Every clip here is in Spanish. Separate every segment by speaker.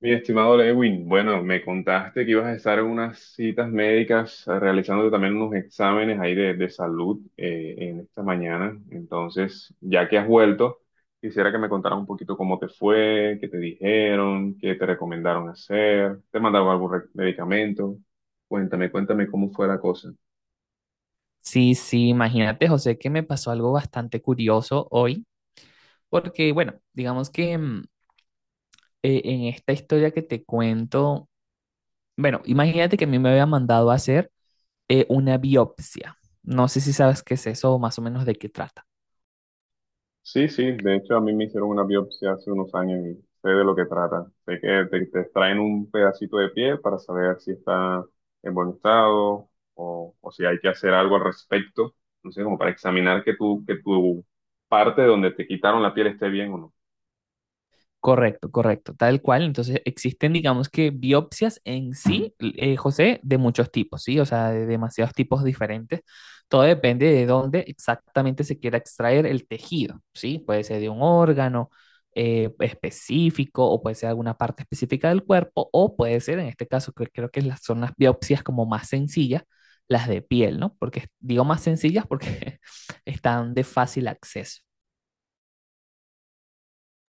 Speaker 1: Mi estimado Lewin, bueno, me contaste que ibas a estar en unas citas médicas, realizándote también unos exámenes ahí de salud en esta mañana. Entonces, ya que has vuelto, quisiera que me contaras un poquito cómo te fue, qué te dijeron, qué te recomendaron hacer, te mandaron algún medicamento. Cuéntame, cuéntame cómo fue la cosa.
Speaker 2: Sí, sí, imagínate, José, que me pasó algo bastante curioso hoy, porque, bueno, digamos que en esta historia que te cuento, bueno, imagínate que a mí me había mandado a hacer una biopsia. No sé si sabes qué es eso o más o menos de qué trata.
Speaker 1: Sí, sí, de hecho a mí me hicieron una biopsia hace unos años y sé de lo que trata. Sé que te extraen un pedacito de piel para saber si está en buen estado o si hay que hacer algo al respecto. No sé, como para examinar que tu parte donde te quitaron la piel esté bien o no.
Speaker 2: Correcto, correcto, tal cual. Entonces existen, digamos que biopsias en sí, José, de muchos tipos, ¿sí? O sea, de demasiados tipos diferentes. Todo depende de dónde exactamente se quiera extraer el tejido, ¿sí? Puede ser de un órgano específico, o puede ser alguna parte específica del cuerpo, o puede ser, en este caso, que creo que son las biopsias como más sencillas, las de piel, ¿no? Porque digo más sencillas porque están de fácil acceso.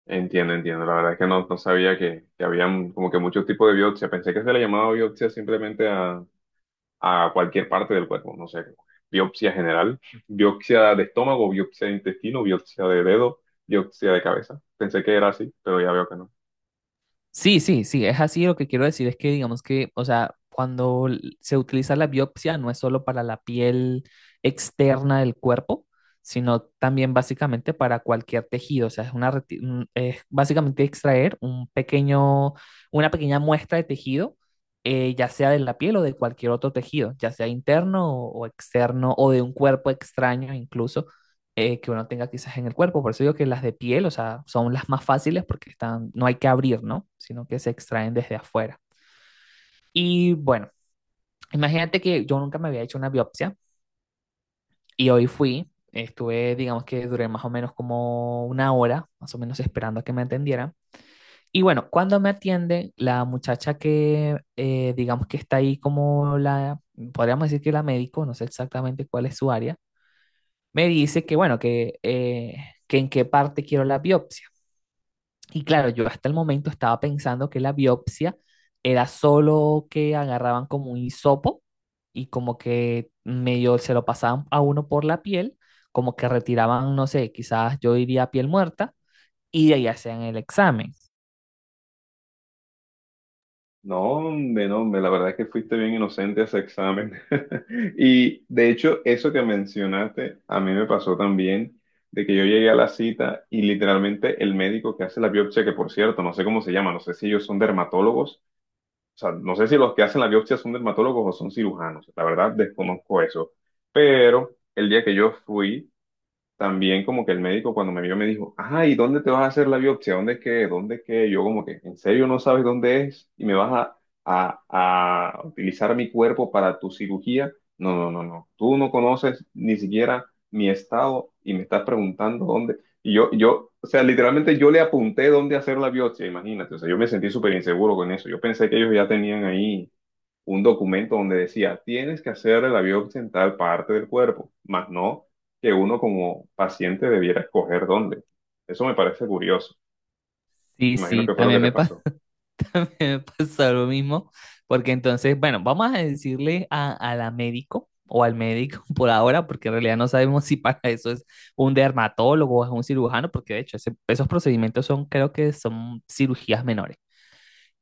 Speaker 1: Entiendo, entiendo. La verdad es que no sabía que habían como que muchos tipos de biopsia. Pensé que se le llamaba biopsia simplemente a cualquier parte del cuerpo, no sé, biopsia general, biopsia de estómago, biopsia de intestino, biopsia de dedo, biopsia de cabeza. Pensé que era así, pero ya veo que no.
Speaker 2: Sí, sí, sí, es así. Lo que quiero decir es que, digamos que, o sea, cuando se utiliza la biopsia, no es solo para la piel externa del cuerpo, sino también básicamente para cualquier tejido. O sea, es básicamente extraer un pequeño, una pequeña muestra de tejido, ya sea de la piel o de cualquier otro tejido, ya sea interno o externo, o de un cuerpo extraño incluso que uno tenga quizás en el cuerpo. Por eso digo que las de piel, o sea, son las más fáciles porque están, no hay que abrir, ¿no? Sino que se extraen desde afuera. Y bueno, imagínate que yo nunca me había hecho una biopsia y hoy fui, estuve, digamos que duré más o menos como una hora, más o menos, esperando a que me atendieran. Y bueno, cuando me atiende, la muchacha que, digamos que está ahí como la, podríamos decir que la médico, no sé exactamente cuál es su área, me dice que, bueno, que en qué parte quiero la biopsia. Y claro, yo hasta el momento estaba pensando que la biopsia era solo que agarraban como un hisopo y como que medio se lo pasaban a uno por la piel, como que retiraban, no sé, quizás yo diría piel muerta, y de ahí hacían el examen.
Speaker 1: No, hombre, no, hombre, la verdad es que fuiste bien inocente a ese examen. Y de hecho, eso que mencionaste, a mí me pasó también, de que yo llegué a la cita y literalmente el médico que hace la biopsia, que por cierto, no sé cómo se llama, no sé si ellos son dermatólogos. O sea, no sé si los que hacen la biopsia son dermatólogos o son cirujanos. La verdad, desconozco eso. Pero el día que yo fui, también como que el médico cuando me vio me dijo, ajá, ¿y dónde te vas a hacer la biopsia? ¿Dónde es que? ¿Dónde es que? Yo como que, ¿en serio no sabes dónde es? ¿Y me vas a utilizar mi cuerpo para tu cirugía? No, no, no, no. Tú no conoces ni siquiera mi estado y me estás preguntando dónde. Y o sea, literalmente yo le apunté dónde hacer la biopsia, imagínate. O sea, yo me sentí súper inseguro con eso. Yo pensé que ellos ya tenían ahí un documento donde decía, tienes que hacer la biopsia en tal parte del cuerpo, más no que uno como paciente debiera escoger dónde. Eso me parece curioso.
Speaker 2: Sí,
Speaker 1: Imagino
Speaker 2: sí,
Speaker 1: que fue lo que
Speaker 2: también
Speaker 1: te
Speaker 2: me pasó.
Speaker 1: pasó.
Speaker 2: Me pasó lo mismo, porque entonces, bueno, vamos a decirle a la médico o al médico por ahora, porque en realidad no sabemos si para eso es un dermatólogo o es un cirujano, porque de hecho esos procedimientos son, creo que son cirugías menores.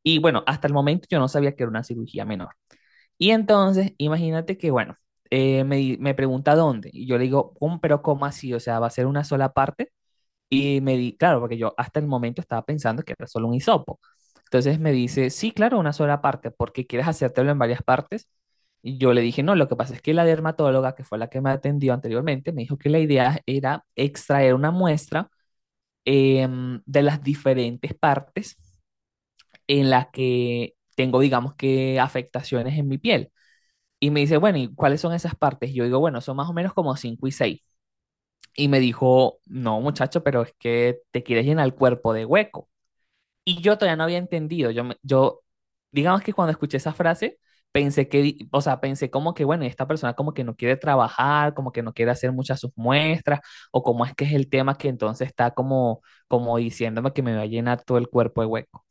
Speaker 2: Y bueno, hasta el momento yo no sabía que era una cirugía menor. Y entonces, imagínate que, bueno, me pregunta dónde, y yo le digo, pero ¿cómo así? O sea, ¿va a ser una sola parte?" Y claro, porque yo hasta el momento estaba pensando que era solo un hisopo. Entonces me dice, sí, claro, una sola parte, porque quieres hacértelo en varias partes. Y yo le dije, no, lo que pasa es que la dermatóloga, que fue la que me atendió anteriormente, me dijo que la idea era extraer una muestra de las diferentes partes en las que tengo, digamos que, afectaciones en mi piel. Y me dice, bueno, ¿y cuáles son esas partes? Y yo digo, bueno, son más o menos como cinco y seis, y me dijo, no muchacho, pero es que te quieres llenar el cuerpo de hueco. Y yo todavía no había entendido, digamos que cuando escuché esa frase, pensé que, o sea, pensé como que, bueno, esta persona como que no quiere trabajar, como que no quiere hacer muchas sus muestras, o como es que es el tema, que entonces está como, como diciéndome que me va a llenar todo el cuerpo de hueco.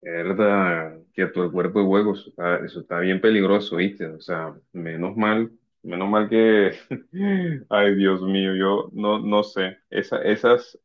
Speaker 1: Verdad, que todo el cuerpo de hueco, eso está bien peligroso, ¿viste? O sea, menos mal que, ay Dios mío, yo no, no sé. Esas,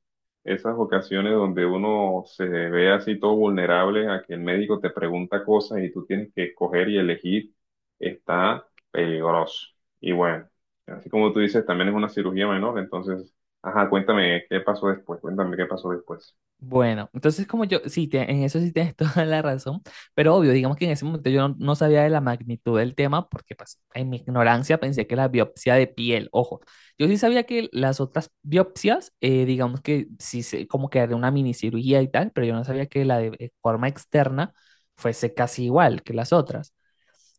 Speaker 1: esas ocasiones donde uno se ve así todo vulnerable a que el médico te pregunta cosas y tú tienes que escoger y elegir, está peligroso. Y bueno, así como tú dices, también es una cirugía menor, entonces, ajá, cuéntame qué pasó después, cuéntame qué pasó después.
Speaker 2: Bueno, entonces como yo, sí, en eso sí tienes toda la razón, pero obvio, digamos que en ese momento yo no, no sabía de la magnitud del tema, porque pues en mi ignorancia pensé que la biopsia de piel, ojo, yo sí sabía que las otras biopsias, digamos que sí, como que era una minicirugía y tal, pero yo no sabía que la de forma externa fuese casi igual que las otras.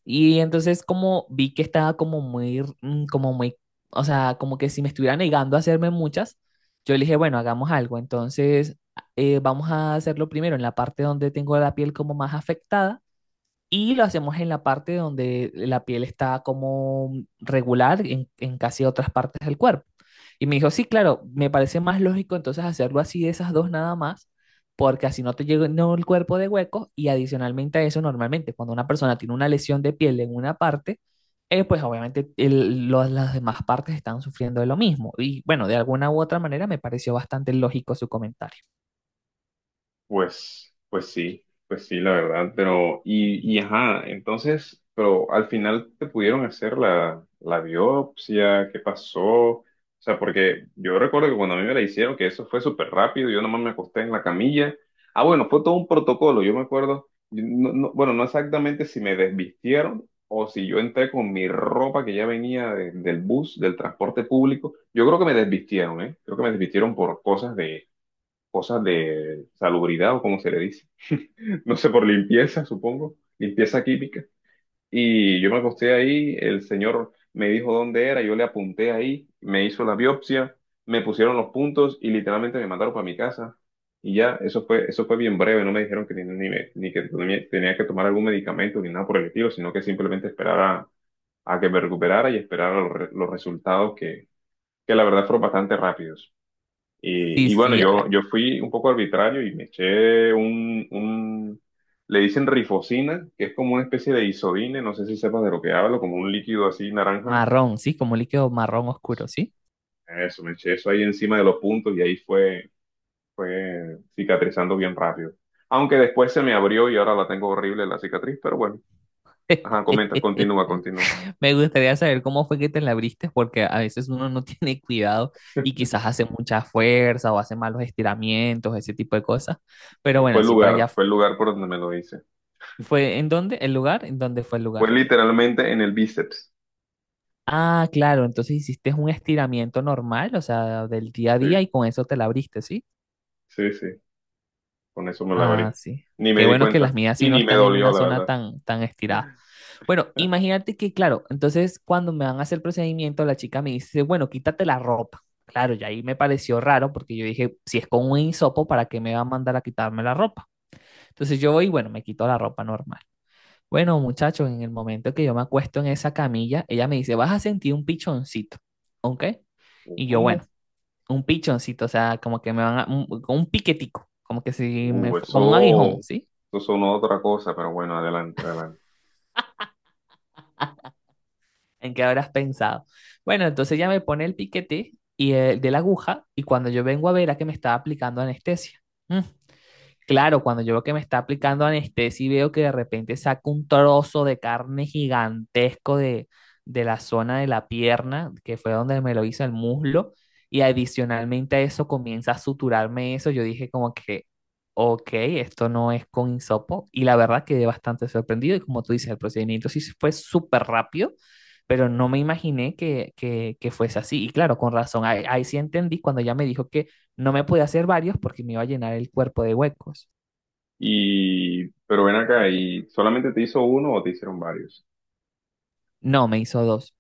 Speaker 2: Y entonces como vi que estaba como muy, o sea, como que si me estuviera negando a hacerme muchas, yo le dije, bueno, hagamos algo. Entonces, vamos a hacerlo primero en la parte donde tengo la piel como más afectada, y lo hacemos en la parte donde la piel está como regular en, casi otras partes del cuerpo. Y me dijo, sí, claro, me parece más lógico entonces hacerlo así, de esas dos nada más, porque así no te llega no, el cuerpo de huecos, y adicionalmente a eso, normalmente cuando una persona tiene una lesión de piel en una parte, pues obviamente las demás partes están sufriendo de lo mismo. Y bueno, de alguna u otra manera me pareció bastante lógico su comentario.
Speaker 1: Pues, pues sí, la verdad, pero, y ajá, entonces, pero al final te pudieron hacer la biopsia, ¿qué pasó? O sea, porque yo recuerdo que cuando a mí me la hicieron, que eso fue súper rápido, yo nomás me acosté en la camilla. Ah, bueno, fue todo un protocolo, yo me acuerdo, yo no- no- bueno, no exactamente si me desvistieron o si yo entré con mi ropa que ya venía del bus, del transporte público. Yo creo que me desvistieron, ¿eh? Creo que me desvistieron por cosas de salubridad o como se le dice, no sé, por limpieza, supongo, limpieza química. Y yo me acosté ahí, el señor me dijo dónde era, yo le apunté ahí, me hizo la biopsia, me pusieron los puntos y literalmente me mandaron para mi casa. Y ya, eso fue bien breve, no me dijeron que ni que tenía que tomar algún medicamento ni nada por el estilo, sino que simplemente esperara que me recuperara y esperara los, los resultados que la verdad fueron bastante rápidos.
Speaker 2: Sí,
Speaker 1: Y bueno,
Speaker 2: sí,
Speaker 1: yo fui un poco arbitrario y me eché le dicen rifocina, que es como una especie de isodine, no sé si sepas de lo que hablo, como un líquido así naranja.
Speaker 2: marrón, sí, como líquido marrón oscuro, sí.
Speaker 1: Eso, me eché eso ahí encima de los puntos y ahí fue, fue cicatrizando bien rápido. Aunque después se me abrió y ahora la tengo horrible la cicatriz, pero bueno, ajá, comenta, continúa, continúa.
Speaker 2: Me gustaría saber cómo fue que te la abriste, porque a veces uno no tiene cuidado y quizás hace mucha fuerza o hace malos estiramientos, ese tipo de cosas. Pero bueno, sí, para allá
Speaker 1: Fue el lugar por donde me lo hice.
Speaker 2: fue en dónde, el lugar, en dónde fue el
Speaker 1: Fue
Speaker 2: lugar.
Speaker 1: literalmente en el bíceps.
Speaker 2: Ah, claro, entonces hiciste un estiramiento normal, o sea, del día a día, y
Speaker 1: Sí,
Speaker 2: con eso te la abriste, ¿sí?
Speaker 1: sí, sí. Con eso me la
Speaker 2: Ah,
Speaker 1: abrí.
Speaker 2: sí.
Speaker 1: Ni me
Speaker 2: Qué
Speaker 1: di
Speaker 2: bueno que
Speaker 1: cuenta.
Speaker 2: las mías sí
Speaker 1: Y
Speaker 2: no
Speaker 1: ni me
Speaker 2: están en
Speaker 1: dolió,
Speaker 2: una
Speaker 1: la
Speaker 2: zona
Speaker 1: verdad.
Speaker 2: tan, tan estirada. Bueno, imagínate que, claro, entonces cuando me van a hacer el procedimiento, la chica me dice, bueno, quítate la ropa. Claro, y ahí me pareció raro porque yo dije, si es con un hisopo, ¿para qué me va a mandar a quitarme la ropa? Entonces yo voy, y bueno, me quito la ropa normal. Bueno, muchachos, en el momento que yo me acuesto en esa camilla, ella me dice, vas a sentir un pichoncito, ¿ok? Y yo,
Speaker 1: ¿Cómo?
Speaker 2: bueno, un pichoncito, o sea, como que me van a, un piquetico, como que si me, como un
Speaker 1: Eso,
Speaker 2: aguijón, ¿sí?
Speaker 1: eso sonó otra cosa, pero bueno, adelante, adelante.
Speaker 2: ¿En qué habrás pensado? Bueno, entonces ya me pone el piquete y el de la aguja, y cuando yo vengo a ver, a que me estaba aplicando anestesia. Ujú. Claro, cuando yo veo que me está aplicando anestesia y veo que de repente saca un trozo de carne gigantesco de, la zona de la pierna, que fue donde me lo hizo, el muslo, y adicionalmente a eso comienza a suturarme eso, yo dije como que, ok, esto no es con hisopo, y la verdad quedé bastante sorprendido, y como tú dices, el procedimiento sí fue súper rápido, pero no me imaginé que fuese así, y claro, con razón, ahí, ahí sí entendí cuando ya me dijo que no me pude hacer varios porque me iba a llenar el cuerpo de huecos.
Speaker 1: Y, pero ven acá, ¿y solamente te hizo uno o te hicieron varios?
Speaker 2: No, me hizo dos.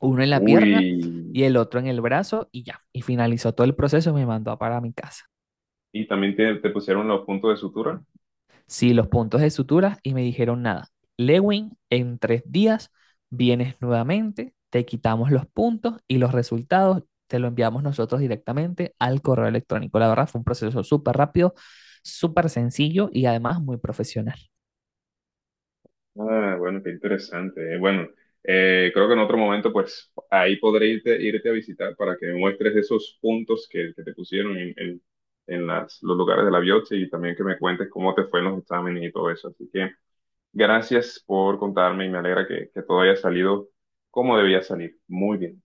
Speaker 2: Uno en la
Speaker 1: Uy,
Speaker 2: pierna y el otro en el brazo, y ya. Y finalizó todo el proceso y me mandó para mi casa.
Speaker 1: ¿y también te pusieron los puntos de sutura?
Speaker 2: Sí, los puntos de suturas, y me dijeron nada. Lewin, en 3 días vienes nuevamente, te quitamos los puntos, y los resultados te lo enviamos nosotros directamente al correo electrónico. La verdad fue un proceso súper rápido, súper sencillo y además muy profesional.
Speaker 1: Ah, bueno, qué interesante. Bueno, creo que en otro momento, pues ahí podré irte, irte a visitar para que me muestres esos puntos que te pusieron en las, los lugares de la biopsia y también que me cuentes cómo te fue en los exámenes y todo eso. Así que gracias por contarme y me alegra que todo haya salido como debía salir. Muy bien.